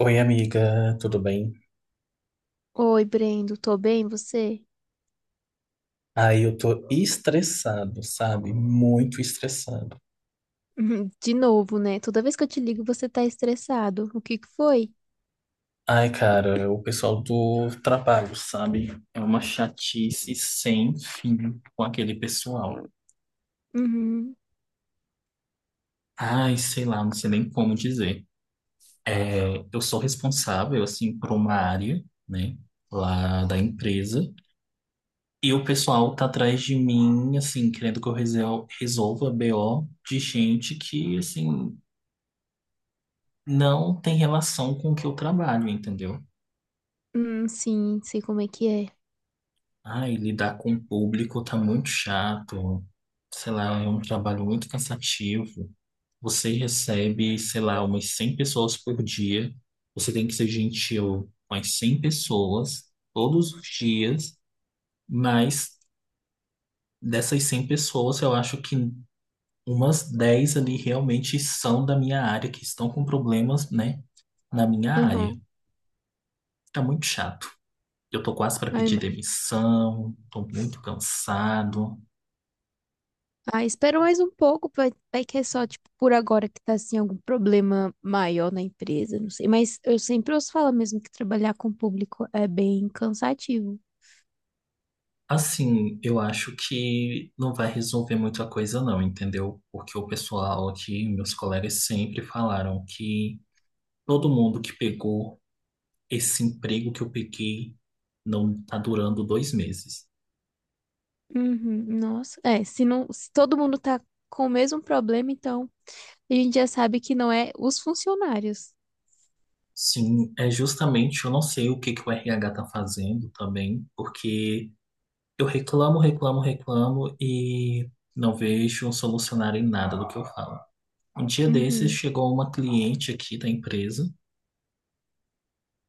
Oi, amiga, tudo bem? Oi, Brendo, tô bem, você? Aí eu tô estressado, sabe? Muito estressado. Uhum. De novo, né? Toda vez que eu te ligo, você tá estressado. O que que foi? Ai, cara, o pessoal do trabalho, sabe? É uma chatice sem fim com aquele pessoal. Uhum. Ai, sei lá, não sei nem como dizer. É, eu sou responsável, assim, por uma área, né? Lá da empresa. E o pessoal tá atrás de mim, assim, querendo que resolva BO de gente que, assim, não tem relação com o que eu trabalho, entendeu? Sim, sei como é que é. Ai, lidar com o público tá muito chato. Sei lá, é um trabalho muito cansativo. Você recebe, sei lá, umas 100 pessoas por dia. Você tem que ser gentil com as 100 pessoas todos os dias, mas dessas 100 pessoas, eu acho que umas 10 ali realmente são da minha área, que estão com problemas, né, na minha Uhum. área. Tá muito chato. Eu tô quase para Ai, pedir imagino. demissão, tô muito cansado. Ah, espera mais um pouco, vai, vai que é só, tipo, por agora que tá, assim, algum problema maior na empresa, não sei. Mas eu sempre ouço falar mesmo que trabalhar com o público é bem cansativo. Assim, eu acho que não vai resolver muita coisa não, entendeu? Porque o pessoal aqui, meus colegas sempre falaram que todo mundo que pegou esse emprego que eu peguei não tá durando dois meses. Uhum. Nossa, é, se não, se todo mundo tá com o mesmo problema, então a gente já sabe que não é os funcionários. Sim, é justamente, eu não sei o que que o RH tá fazendo também, porque eu reclamo, reclamo, reclamo e não vejo solucionar em nada do que eu falo. Um dia desses Uhum. chegou uma cliente aqui da empresa,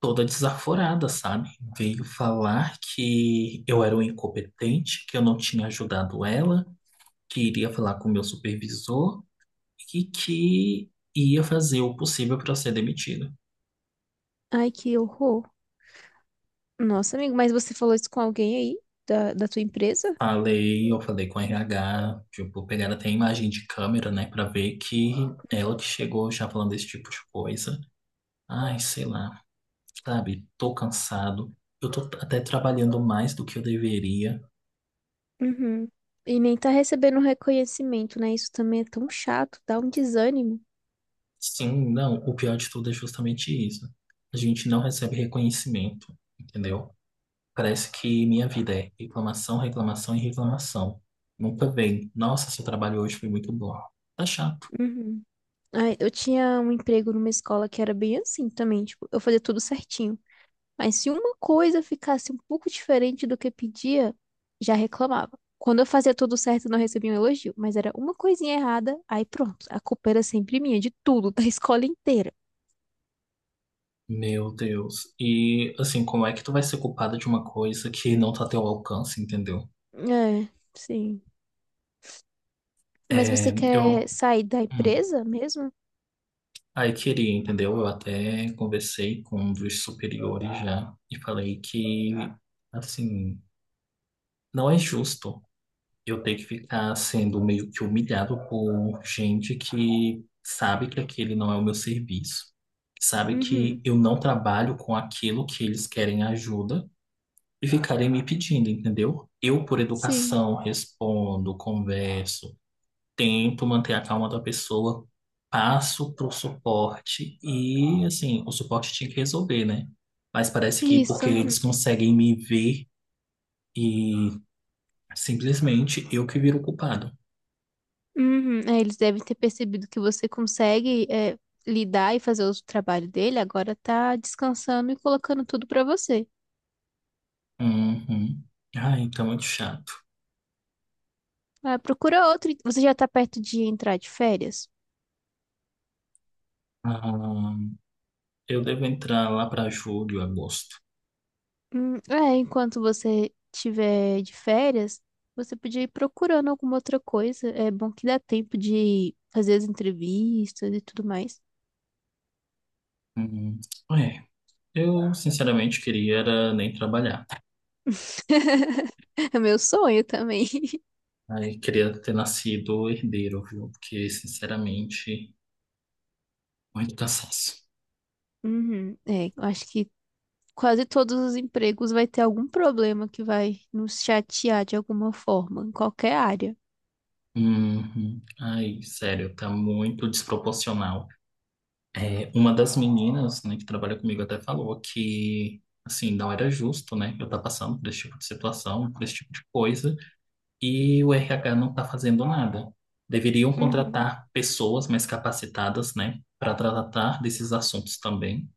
toda desaforada, sabe? Veio falar que eu era um incompetente, que eu não tinha ajudado ela, que iria falar com o meu supervisor e que ia fazer o possível para eu ser demitido. Ai, que horror. Nossa, amigo, mas você falou isso com alguém aí da tua empresa? Falei, eu falei com o RH, tipo, pegaram até a imagem de câmera, né, para ver que ela que chegou já falando desse tipo de coisa. Ai, sei lá, sabe? Tô cansado. Eu tô até trabalhando mais do que eu deveria. Uhum. E nem tá recebendo reconhecimento, né? Isso também é tão chato, dá um desânimo. Sim, não, o pior de tudo é justamente isso. A gente não recebe reconhecimento, entendeu? Parece que minha vida é reclamação, reclamação e reclamação. Nunca vem: "Nossa, seu trabalho hoje foi muito bom." Tá chato. Uhum. Ai, eu tinha um emprego numa escola que era bem assim também, tipo, eu fazia tudo certinho. Mas se uma coisa ficasse um pouco diferente do que pedia, já reclamava. Quando eu fazia tudo certo, não recebia um elogio, mas era uma coisinha errada, aí pronto, a culpa era sempre minha, de tudo, da escola inteira. Meu Deus. E assim, como é que tu vai ser culpada de uma coisa que não tá a teu alcance, entendeu? É, sim. Mas você É, quer eu, sair da hum, empresa mesmo? aí queria, entendeu? Eu até conversei com um dos superiores já e falei que, assim, não é justo. Eu tenho que ficar sendo meio que humilhado por gente que sabe que aquele não é o meu serviço, sabe que Uhum. eu não trabalho com aquilo que eles querem ajuda e ficarem me pedindo, entendeu? Eu, por Sim. educação, respondo, converso, tento manter a calma da pessoa, passo pro suporte e, assim, o suporte tinha que resolver, né? Mas parece que Isso. porque eles Uhum. conseguem me ver e simplesmente eu que viro o culpado. Uhum. É, eles devem ter percebido que você consegue, é, lidar e fazer o trabalho dele. Agora tá descansando e colocando tudo pra você. Uhum. Ah, então é muito chato. Ah, procura outro. Você já tá perto de entrar de férias? Ah, eu devo entrar lá para julho, agosto. É, enquanto você tiver de férias, você podia ir procurando alguma outra coisa. É bom que dá tempo de fazer as entrevistas e tudo mais. Hum, é, eu sinceramente queria era nem trabalhar. É meu sonho também. Aí queria ter nascido herdeiro, viu? Porque, sinceramente, muito cansaço. Uhum. É, eu acho que quase todos os empregos vai ter algum problema que vai nos chatear de alguma forma, em qualquer área. Uhum. Ai, sério, tá muito desproporcional. É, uma das meninas, né, que trabalha comigo até falou que, assim, não era justo, né, eu estar passando por esse tipo de situação, por esse tipo de coisa, e o RH não está fazendo nada. Deveriam Uhum. contratar pessoas mais capacitadas, né, para tratar desses assuntos também,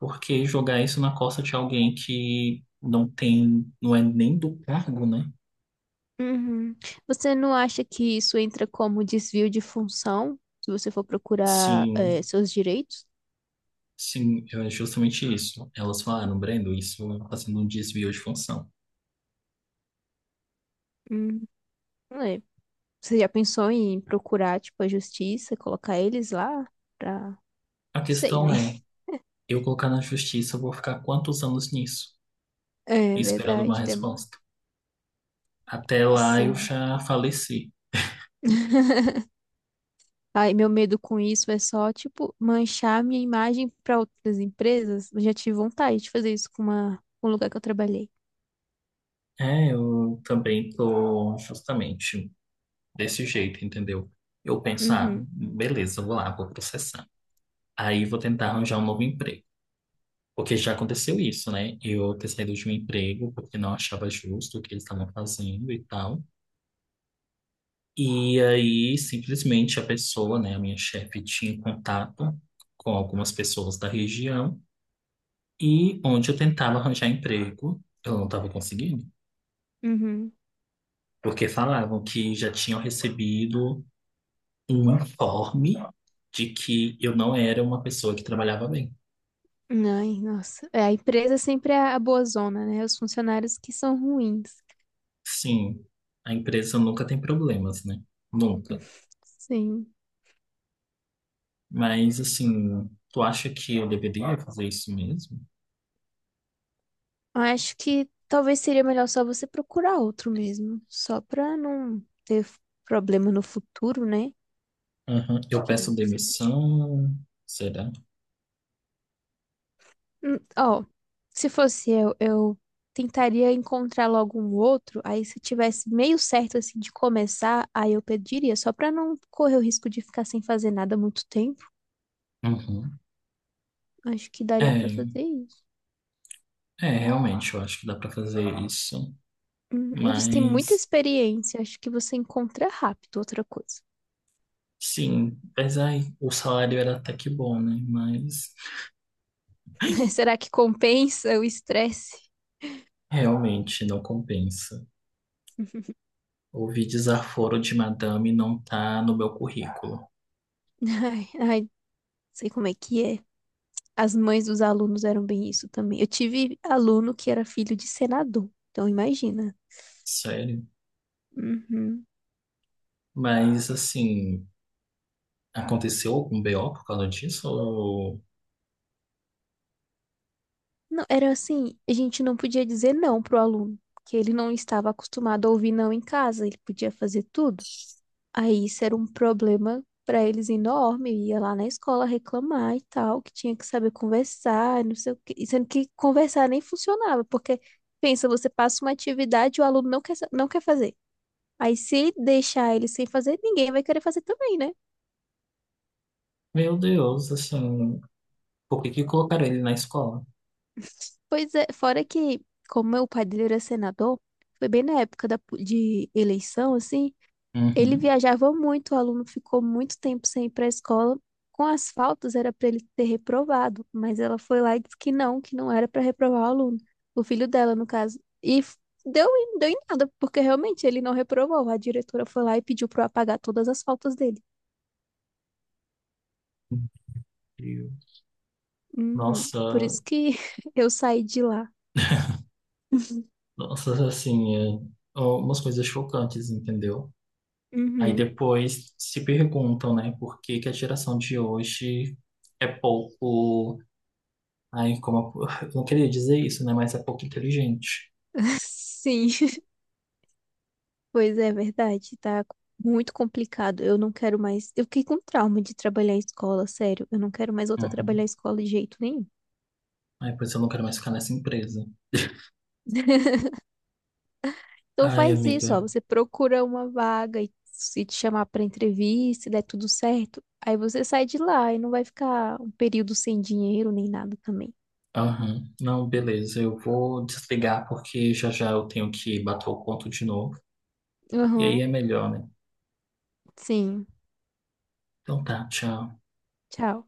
porque jogar isso na costa de alguém que não tem, não é nem do cargo, né? Uhum. Você não acha que isso entra como desvio de função, se você for procurar, Sim, seus direitos? sim, é justamente isso. Elas falaram: "Brendo, isso está sendo um desvio de função." Hum, não é. Você já pensou em procurar, tipo, a justiça, colocar eles lá pra... Não A sei, né? questão é, eu colocar na justiça, eu vou ficar quantos anos nisso, É esperando uma verdade, demora. resposta? Até lá eu Sim. já faleci. Ai, meu medo com isso é só, tipo, manchar minha imagem para outras empresas. Eu já tive vontade de fazer isso com uma, com um lugar que eu trabalhei. É, eu também tô justamente desse jeito, entendeu? Eu penso: "Ah, Uhum, beleza, vou lá, vou processar." Aí vou tentar arranjar um novo emprego. Porque já aconteceu isso, né? Eu ter saído de um emprego porque não achava justo o que eles estavam fazendo e tal. E aí, simplesmente, a pessoa, né, a minha chefe, tinha contato com algumas pessoas da região e onde eu tentava arranjar emprego, eu não estava conseguindo. uhum. Porque falavam que já tinham recebido um informe de que eu não era uma pessoa que trabalhava bem. Ai, nossa. É, a empresa sempre é a boa zona, né? Os funcionários que são ruins. Sim, a empresa nunca tem problemas, né? Nunca. Sim. Mas, assim, tu acha que eu deveria fazer isso mesmo? Eu acho que talvez seria melhor só você procurar outro mesmo, só pra não ter problema no futuro, né? Aham. Acho Eu que peço você podia. demissão, será? Ó, se fosse eu tentaria encontrar logo um outro. Aí, se tivesse meio certo assim de começar, aí eu pediria, só pra não correr o risco de ficar sem fazer nada há muito tempo. Uhum. Acho que daria pra É, fazer isso. é, realmente, eu acho que dá pra fazer isso. E você tem muita Mas, experiência, acho que você encontra rápido outra coisa. sim, mas aí, o salário era até que bom, né? Mas Mas será que compensa o estresse? realmente não compensa. Ouvir desaforo de madame não tá no meu currículo. Ai, ai, sei como é que é. As mães dos alunos eram bem isso também. Eu tive aluno que era filho de senador, então imagina. Sério? Uhum. Mas, assim, aconteceu algum BO por causa disso? Ou... Não, era assim, a gente não podia dizer não pro aluno, que ele não estava acostumado a ouvir não em casa, ele podia fazer tudo. Aí isso era um problema para eles enorme, eu ia lá na escola reclamar e tal, que tinha que saber conversar, não sei o quê, e sendo que conversar nem funcionava, porque pensa, você passa uma atividade e o aluno não quer, não quer fazer. Aí se deixar ele sem fazer, ninguém vai querer fazer também, né? Meu Deus, assim, por que que colocaram ele na escola? Pois é, fora que, como meu pai dele era senador, foi bem na época da, de eleição, assim, ele Uhum. viajava muito, o aluno ficou muito tempo sem ir para a escola. Com as faltas era para ele ter reprovado, mas ela foi lá e disse que não era para reprovar o aluno, o filho dela, no caso. E deu, deu em nada, porque realmente ele não reprovou. A diretora foi lá e pediu para apagar todas as faltas dele. Incrível. Uhum. Nossa, Por isso que eu saí de lá. nossa, assim, é um, umas coisas chocantes, entendeu? Aí Uhum. depois se perguntam, né, por que que a geração de hoje é pouco. Ai, como, eu não queria dizer isso, né, mas é pouco inteligente. Sim. Pois é, verdade, tá muito complicado. Eu não quero mais. Eu fiquei com trauma de trabalhar em escola, sério. Eu não quero mais voltar a trabalhar Uhum. em escola de jeito nenhum. Ai, pois eu não quero mais ficar nessa empresa. Então Ai, faz isso, ó. amiga. Você procura uma vaga e se te chamar pra entrevista, se der tudo certo, aí você sai de lá e não vai ficar um período sem dinheiro nem nada também. Aham. Não, beleza. Eu vou desligar porque já já eu tenho que bater o ponto de novo. E aí Aham, é melhor, né? sim. Então tá, tchau. Tchau.